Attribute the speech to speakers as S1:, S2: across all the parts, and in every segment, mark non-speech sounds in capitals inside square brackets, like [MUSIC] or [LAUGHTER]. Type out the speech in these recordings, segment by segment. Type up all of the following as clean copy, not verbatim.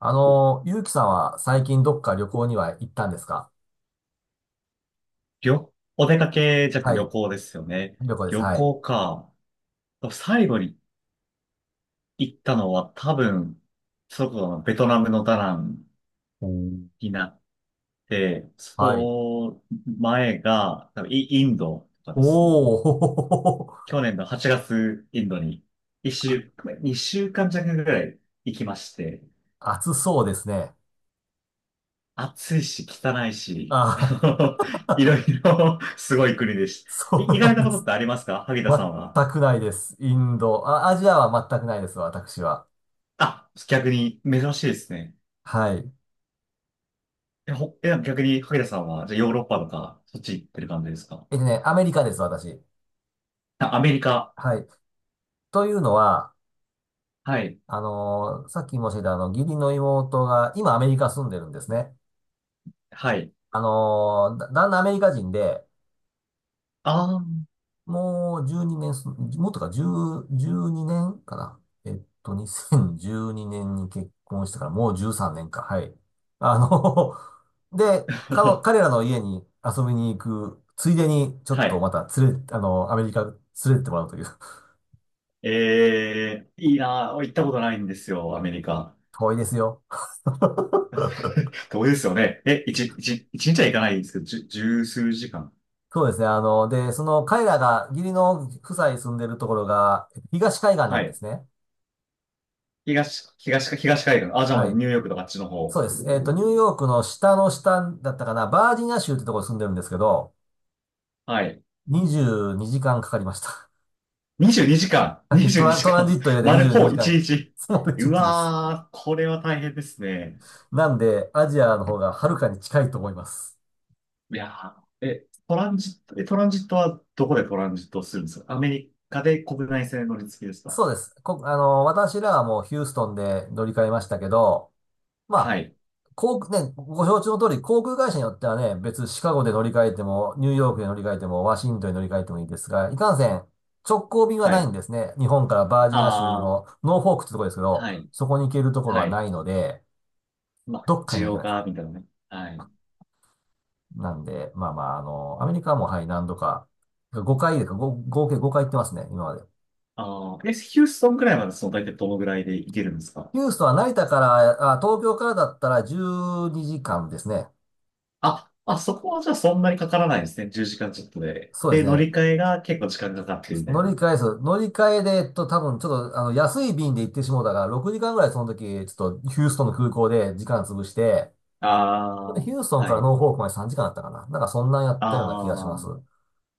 S1: ゆうきさんは最近どっか旅行には行ったんですか？
S2: お出かけじゃなくて
S1: は
S2: 旅
S1: い。
S2: 行ですよね。
S1: 旅行です。
S2: 旅
S1: はい。
S2: 行か。最後に行ったのは多分、そこのベトナムのダナン
S1: おん。
S2: になって、
S1: はい。
S2: その前が多分インドとかですね。
S1: おー、[LAUGHS] ほほほほ。
S2: 去年の8月インドに一週、2週間弱ぐらい行きまして、
S1: 暑そうですね。
S2: 暑いし汚いし、[LAUGHS]
S1: ああ。
S2: いろいろすごい国でし
S1: [LAUGHS]
S2: た。い
S1: そ
S2: 意
S1: うな
S2: 外
S1: ん
S2: な
S1: で
S2: ことっ
S1: す。
S2: てありますか、萩田さんは？
S1: 全くないです。インド。あ、アジアは全くないです、私は。
S2: あ、逆に珍しいですね。
S1: はい。
S2: え、ほ、え、逆に、萩田さんは、じゃあヨーロッパとか、そっち行ってる感じですか？
S1: アメリカです、私。
S2: あ、アメリカ。
S1: はい。というのは、
S2: はい。
S1: さっき申し上げた義理の妹が、今アメリカ住んでるんですね。
S2: はい。
S1: あのーだ、旦那アメリカ人で、
S2: あ
S1: もう12年す、もっとか、10、12年かな。2012年にねんに結婚してからもう13年か。はい。あの [LAUGHS] で、
S2: あ。
S1: 彼ら
S2: [LAUGHS]
S1: の家に遊びに行く、ついでにちょっ
S2: は
S1: と
S2: い。
S1: また連れ、アメリカ連れてってもらうという。[LAUGHS]
S2: いいなぁ。行ったことないんですよ、アメリカ。
S1: 遠いですよ。[LAUGHS]
S2: [LAUGHS] 遠いですよね。え、一日は行かないんですけど、十数時間。
S1: そうですね。あの、で、その彼らが、義理の夫妻住んでるところが、東海岸な
S2: は
S1: んで
S2: い。
S1: すね。
S2: 東海岸。あ、じゃあも
S1: は
S2: う
S1: い。
S2: ニューヨークとかあっちの
S1: そう
S2: 方。
S1: です。ニューヨークの下の下だったかな、バージニア州ってところに住んでるんですけど、
S2: はい。
S1: 22時間かんかかりました。
S2: 22時
S1: [LAUGHS]
S2: 間。
S1: はい
S2: 22時
S1: トラン
S2: 間。
S1: ジットを入
S2: [LAUGHS]
S1: れて
S2: 丸、
S1: 22
S2: ほぼ
S1: 時間。
S2: 日。
S1: その1
S2: う
S1: 日です。
S2: わー、これは大変ですね。
S1: なんで、アジアの方がはるかに近いと思います。
S2: いやー、え、トランジットはどこでトランジットするんですか？アメリカで国内線乗り継ぎですか？
S1: そうです。こ、あの、私らはもうヒューストンで乗り換えましたけど、ま
S2: は
S1: あ、
S2: い、
S1: 航空、ね、ご承知の通り、航空会社によってはね、別シカゴで乗り換えても、ニューヨークで乗り換えても、ワシントンで乗り換えてもいいですが、いかんせん、直行便は
S2: は
S1: ないん
S2: い。
S1: ですね。日本からバージニア州
S2: ああ、
S1: のノーフォークってとこですけど、
S2: はい、
S1: そこに行けるところは
S2: はい。
S1: ないので、
S2: まあ、
S1: どっかに
S2: 需
S1: 乗りか
S2: 要
S1: ない
S2: が、
S1: か。
S2: みたいなね。はい。
S1: なんで、まあまあ、アメリカもはい、何度か、5回でか、ご合計5回行ってますね、今まで。
S2: ああ、え、ヒューストンくらいまでその大体どのぐらいで行けるんですか？
S1: ヒューストンは成田から、あ、東京からだったら12時間ですね。
S2: あ、そこはじゃあそんなにかからないですね。10時間ちょっとで。
S1: そうです
S2: で、乗
S1: ね。
S2: り換えが結構時間かかってるみたい
S1: 乗り
S2: な。
S1: 換えです。乗り換えで、多分ちょっと、安い便で行ってしまうたから、6時間ぐらいその時、ちょっとヒューストンの空港で時間潰して、で
S2: あ
S1: ヒ
S2: あ、
S1: ューストン
S2: は
S1: から
S2: い。
S1: ノーフォークまで3時間だったかな。なんかそんなんやったような気がしま
S2: あ
S1: す。
S2: あ、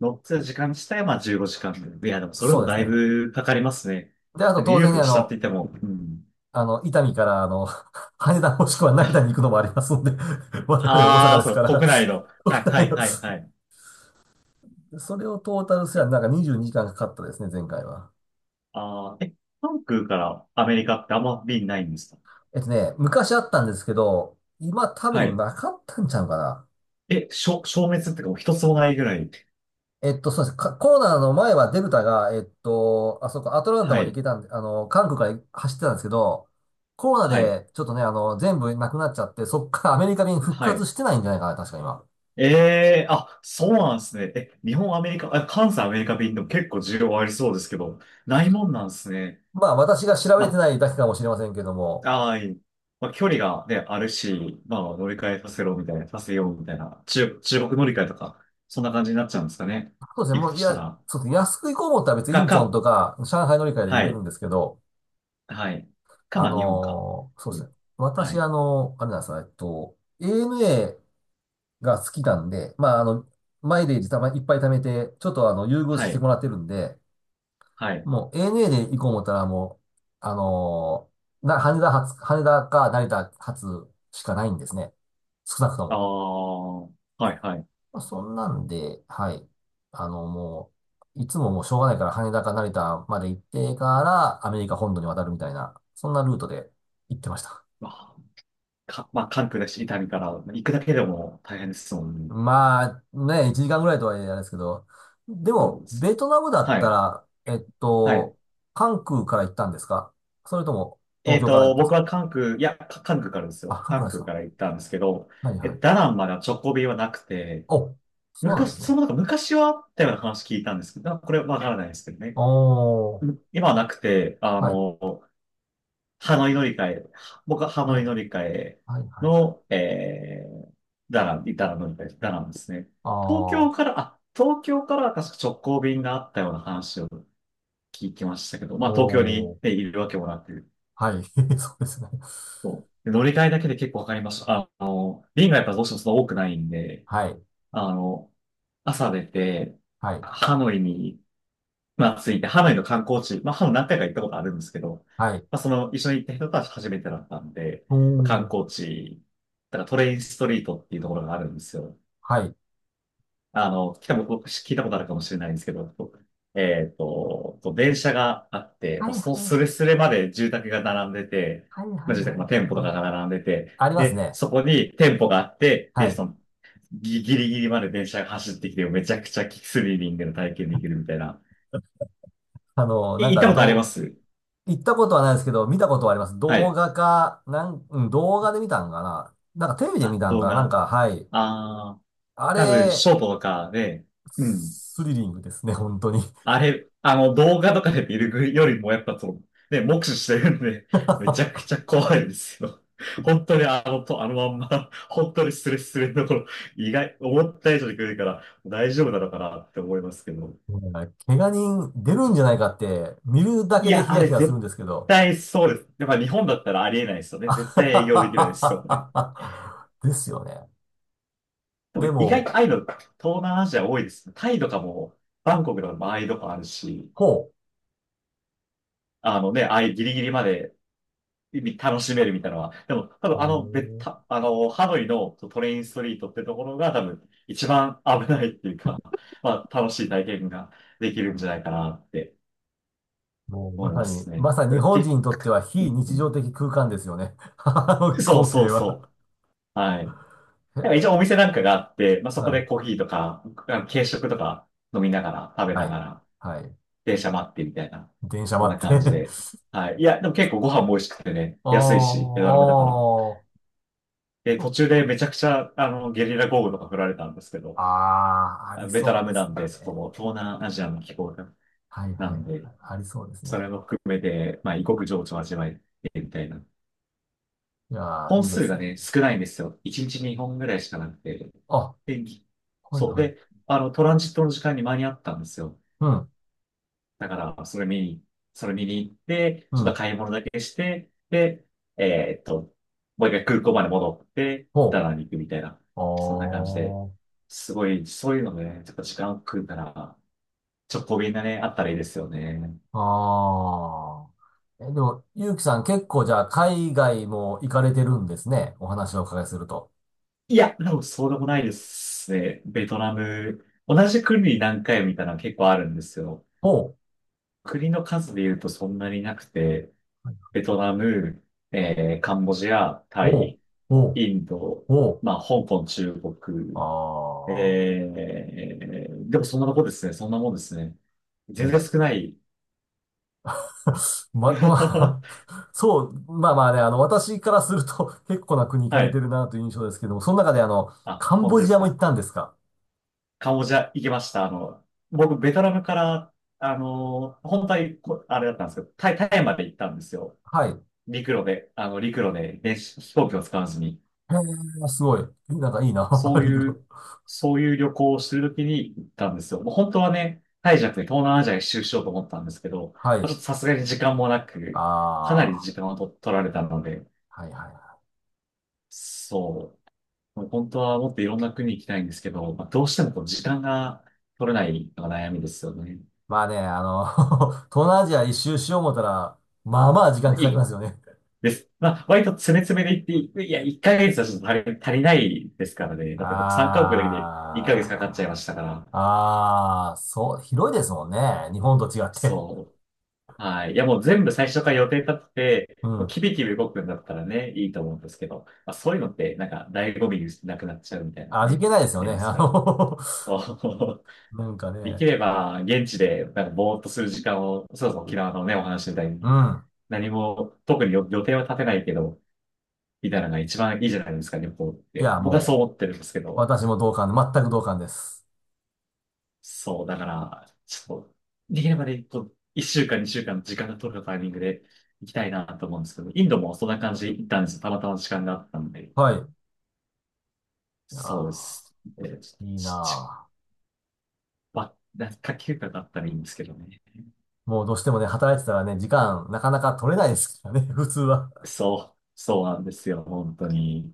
S2: 乗ってた時間自体はまあ15時間。いや、でもそれで
S1: そう
S2: も
S1: です
S2: だい
S1: ね。
S2: ぶかかりますね。
S1: で、あと
S2: ニュー
S1: 当
S2: ヨー
S1: 然
S2: ク
S1: ね、
S2: の下って言っても、うん。
S1: 伊丹から、[LAUGHS] 羽田もしくは成田に行くのもありますので、[LAUGHS] 我々大阪
S2: あ
S1: で
S2: あ、
S1: す
S2: そ
S1: か
S2: う、
S1: ら、
S2: 国内の。は
S1: [LAUGHS]
S2: い、
S1: 国
S2: は
S1: 内
S2: い、
S1: の、
S2: はい、はい。
S1: それをトータルすりゃ
S2: え、
S1: なんか22時間かんかかったですね、前回は。
S2: あーえ、関空からアメリカってあんま便ないんですか？
S1: 昔あったんですけど、今多
S2: は
S1: 分
S2: い。
S1: なかったんちゃうかな。
S2: え、消滅っていうかもう一つもないぐらい。
S1: えっと、そうですね。かコロナの前はデルタが、あそこ、アトランタ
S2: は
S1: まで行
S2: い、
S1: けたんで、韓国から走ってたんですけど、コロナ
S2: はい、
S1: でちょっとね、全部なくなっちゃって、そっからアメリカ便復
S2: は
S1: 活
S2: い。
S1: してないんじゃないかな、確か今。
S2: えそうなんですね。え、日本、アメリカ、あ、関西、アメリカ便でも結構需要ありそうですけど、ないもんなんですね。
S1: まあ、私が調べて
S2: ま
S1: ないだけかもしれませんけども、
S2: あ、あ、いい。まあ、距離がね、あるし、まあ、乗り換えさせろみたいな、させようみたいな、中国乗り換えとか、そんな感じになっちゃうんですかね。
S1: そうですね。
S2: 行く
S1: も
S2: と
S1: う、い
S2: し
S1: や、
S2: たら。
S1: そうですね。安く行こうと思ったら別にイ
S2: か、
S1: ンチョン
S2: か、
S1: とか、上海乗り換えで
S2: は
S1: 行ける
S2: い、
S1: んですけど、
S2: はい。まあ、日本か。
S1: そうで
S2: う
S1: す
S2: ん、
S1: ね。
S2: は
S1: 私、
S2: い、
S1: あれなんですよ。ANA が好きなんで、まあ、あの、マイレージたまいっぱい貯めて、ちょっとあの、優遇
S2: は
S1: して
S2: い、
S1: もらってるんで、
S2: はい。
S1: もう ANA で行こう思ったらもう、あのーな、羽田発、羽田か成田発しかないんですね。少なくと
S2: あ
S1: も。
S2: あ、はい、はい。
S1: まあ、そんなんで、はい。もう、いつももうしょうがないから羽田か成田まで行ってからアメリカ本土に渡るみたいな、そんなルートで行ってました。
S2: まあ、まあ、関空だし、伊丹から、まあ行くだけでも大変ですもん
S1: [LAUGHS]
S2: ね。
S1: まあ、ね、1時間ぐらいとはいえあれですけど、で
S2: どう
S1: も、
S2: です
S1: ベトナムだっ
S2: は
S1: た
S2: い、
S1: ら、
S2: はい。
S1: 関空から行ったんですか？それとも、
S2: え
S1: 東
S2: っ
S1: 京から行っ
S2: と、
S1: たんです
S2: 僕
S1: か？
S2: は関空、いや、関空からです
S1: あ、
S2: よ。
S1: 関空
S2: 関
S1: です
S2: 空
S1: か？
S2: から行ったんですけど、
S1: はい
S2: え、
S1: は
S2: ダ
S1: い。
S2: ナンまでは直行便はなくて、
S1: お、そうなん
S2: 昔、
S1: ですね。
S2: それもなんか昔はあったような話聞いたんですけど、これわからないですけどね。
S1: おー。
S2: 今はなくて、あ
S1: はい、
S2: の、ハノイ乗り換え、は僕はハ
S1: はい、
S2: ノイ乗り換え
S1: はい、はい。
S2: の、えー、ダナン、ダナン乗り換え、ダナンですね。
S1: あ
S2: 東京か
S1: ー。
S2: ら、あ、東京から確か直行便があったような話を聞きましたけど、ま
S1: お
S2: あ東京に行っ
S1: ー。
S2: ているわけもなく、
S1: はい。[LAUGHS] そうですね。
S2: そうで乗り換えだけで結構わかりました。あの、便がやっぱどうしてもそんな多くないんで、
S1: はい、
S2: あの、朝出て、
S1: はい、
S2: ハノイにまあ、ついて、ハノイの観光地、まあ、ハノイ何回か行ったことあるんですけど、
S1: はい。
S2: まあ、その、一緒に行った人たち初めてだったんで、
S1: お
S2: 観
S1: ー。
S2: 光地、だからトレインストリートっていうところがあるんですよ。
S1: はい。
S2: あの、来たも、僕聞いたことあるかもしれないんですけど、えっと、こう電車があって、
S1: は
S2: もう
S1: いは
S2: そのスレ
S1: い
S2: スレまで住宅が並んでて、
S1: はいはい。は
S2: まあ、
S1: い
S2: 住
S1: はいは
S2: 宅、まあ、
S1: い。
S2: 店舗とかが並んでて、
S1: あります
S2: で、
S1: ね。
S2: そこに店舗があって、
S1: は
S2: で、
S1: い。
S2: その、ギリギリまで電車が走ってきて、めちゃくちゃスリリングの体験できるみたいな。
S1: あの、なん
S2: 行った
S1: か、
S2: ことありま
S1: ど
S2: す？
S1: う、行ったことはないですけど、見たことはあります。
S2: は
S1: 動
S2: い。
S1: 画か、なん、うん、動画で見たんかな。なんかテレビで見
S2: あ、
S1: たん
S2: 動
S1: かな。なん
S2: 画。
S1: か、はい。
S2: ああ、
S1: あ
S2: 多分、
S1: れ、
S2: ショートとかで、うん。
S1: スリリングですね、本当に。
S2: あれ、あの、動画とかで見るよりも、やっぱそう、ね、目視してるんで、めちゃく
S1: [LAUGHS]
S2: ちゃ怖いですよ。本当にあのと、あのまんま、本当にスレスレのところ、意外、思った以上に来るから、大丈夫なのかなって思いますけど。
S1: うん、怪我人出るんじゃないかって、見るだ
S2: い
S1: けでヒ
S2: や、あ
S1: ヤ
S2: れ
S1: ヒヤするん
S2: 絶
S1: ですけど。
S2: 対そうです。やっぱ日本だったらありえないですよ
S1: [LAUGHS]
S2: ね。
S1: あ
S2: 絶
S1: は
S2: 対営業できないですよ
S1: は
S2: ね。
S1: はははですよね。
S2: でも
S1: で
S2: 意外と
S1: も、
S2: ああいうの、東南アジア多いですね。タイとかも、バンコクの場合とかあるし、
S1: ほ
S2: あのね、ああいうギリギリまで楽しめるみたいなのは。でも、多
S1: う。
S2: 分
S1: へ
S2: あの、
S1: ー、
S2: あの、ハノイのトレインストリートってところが多分一番危ないっていうか、まあ、楽しい体験ができるんじゃないかなって
S1: もう
S2: 思い
S1: まさ
S2: ま
S1: に、
S2: すね。
S1: まさに日本人
S2: 結
S1: にとっては非日常的空間ですよね。[LAUGHS] あの
S2: そう
S1: 光
S2: そ
S1: 景
S2: う
S1: は。
S2: そう。はい。
S1: へ
S2: なんか一応お
S1: え。
S2: 店なんかがあって、まあ、そこ
S1: は
S2: で
S1: い。
S2: コーヒーとか、あの軽食とか飲みながら、食べ
S1: は
S2: な
S1: い。
S2: がら、
S1: はい。
S2: 電車待ってみたいな、
S1: 電車
S2: そん
S1: 待
S2: な
S1: っ
S2: 感じ
S1: て。
S2: で。はい。いや、でも結構ご飯も美味しくてね、
S1: [LAUGHS] ああ。
S2: 安いし、ベトナム
S1: あ
S2: だから。
S1: ー、
S2: で、途中でめちゃくちゃ、あの、ゲリラ豪雨とか降られたんですけど、
S1: あー、あ
S2: あ、
S1: り
S2: ベト
S1: そ
S2: ナ
S1: う
S2: ム
S1: で
S2: な
S1: す
S2: んで、そこ
S1: ね。
S2: も東南アジアの気候
S1: はいは
S2: な
S1: い。は
S2: ん
S1: い、
S2: で、
S1: ありそうです
S2: それ
S1: ね。
S2: も含めて、まあ、異国情緒を味わえてみたいな。
S1: いやー、
S2: 本
S1: いいで
S2: 数
S1: す
S2: が
S1: ね。
S2: ね、少ないんですよ。1日2本ぐらいしかなくて。
S1: あ、
S2: で、
S1: はい
S2: そう。
S1: は
S2: で、
S1: い。
S2: あの、トランジットの時間に間に合ったんですよ。
S1: うん、
S2: だから、それ見に行って、
S1: う
S2: ちょっと
S1: ん。
S2: 買い物だけして、で、えーっと、もう一回空港まで戻って、ダ
S1: ほ
S2: ナンに行くみたいな、
S1: う。
S2: そんな感じで、
S1: おー。
S2: すごい、そういうのね、ちょっと時間を食うから、直行便がね、あったらいいですよね。
S1: あー。え、でも、ゆうきさん結構じゃあ海外も行かれてるんですね。お話をお伺いすると。
S2: いや、でもそうでもないですね。ベトナム、同じ国に何回もいたのは結構あるんですよ。
S1: ほう。
S2: 国の数で言うとそんなになくて、ベトナム、えー、カンボジア、タ
S1: おう、
S2: イ、
S1: おう、
S2: インド、
S1: おう。
S2: まあ、香港、中
S1: あ
S2: 国、
S1: あ、
S2: えー、でもそんなとこですね。そんなもんですね。
S1: 無
S2: 全
S1: 理
S2: 然
S1: だ。
S2: 少ない。
S1: [LAUGHS] ま、ま
S2: [LAUGHS]
S1: あ、
S2: は
S1: [LAUGHS] そう、まあまあね、私からすると [LAUGHS] 結構な国行かれて
S2: い。
S1: るなという印象ですけども、その中で
S2: あ、
S1: カン
S2: 本
S1: ボ
S2: 当で
S1: ジ
S2: す
S1: アも行っ
S2: か。
S1: たんですか？
S2: カンボジア行きました。あの、僕、ベトナムから、あの、本当はあれだったんですけど、タイまで行ったんですよ。
S1: はい。へ
S2: 陸路で、あの、陸路で、飛行機を使わずに。
S1: え、すごい。なんかいいな。
S2: そ
S1: [LAUGHS]
S2: う
S1: リグ
S2: い
S1: ロ。
S2: う、そういう旅行をしてるときに行ったんですよ。もう本当はね、タイじゃなくて東南アジア一周しようと思ったんですけど、ま
S1: は
S2: あち
S1: い。
S2: ょっとさすがに時間もなく、かなり
S1: あ
S2: 時間を取られたので、
S1: あ、はいはいはい。
S2: そう。もう本当はもっといろんな国行きたいんですけど、まあ、どうしてもこう時間が取れないのが悩みですよね。
S1: まあね、[LAUGHS] 東南アジア一周しよう思ったら、まあまあ時間
S2: まあ
S1: か
S2: い
S1: かりま
S2: い
S1: すよね。
S2: です。まあ、割と詰め詰めで行って、いや、1ヶ月はちょっと足りないですからね。だって僕3カ国だけで1ヶ月かかっちゃい
S1: あ
S2: ましたから。
S1: あ、ああ、そう、広いですもんね。日本と違って。
S2: そう。はい。いや、もう全部最初から予定立って
S1: う
S2: て、もう
S1: ん。
S2: キビキビ動くんだったらね、いいと思うんですけど、まあ、そういうのって、なんか、醍醐味なくなっちゃうみたいな
S1: 味
S2: ね、
S1: 気ないですよね。
S2: ますから。そう。
S1: [LAUGHS] なんか
S2: [LAUGHS] でき
S1: ね。
S2: れば、現地で、なんか、ぼーっとする時間を、そうそう、沖縄のね、お話みたい
S1: う
S2: に、
S1: ん。
S2: 何も、特に予定は立てないけど、みたいなのが一番いいじゃないですか、旅行っ
S1: い
S2: て。
S1: や、
S2: 僕はそう
S1: も
S2: 思ってるんですけ
S1: う、
S2: ど。
S1: 私も同感、全く同感です。
S2: そう、だから、ちょっと、できればね、こう、一週間、二週間の時間が取れたタイミングで行きたいなと思うんですけど、インドもそんな感じで行ったんですよ。たまたま時間があったんで。
S1: はい。いや
S2: そうです。
S1: ー、
S2: えち、
S1: いいな
S2: ち、ち
S1: あ。
S2: ば、なんか夏季休暇だったらいいんですけどね。
S1: もうどうしてもね、働いてたらね、時間なかなか取れないですからね、[LAUGHS] 普通は。
S2: そう、そうなんですよ、本当に。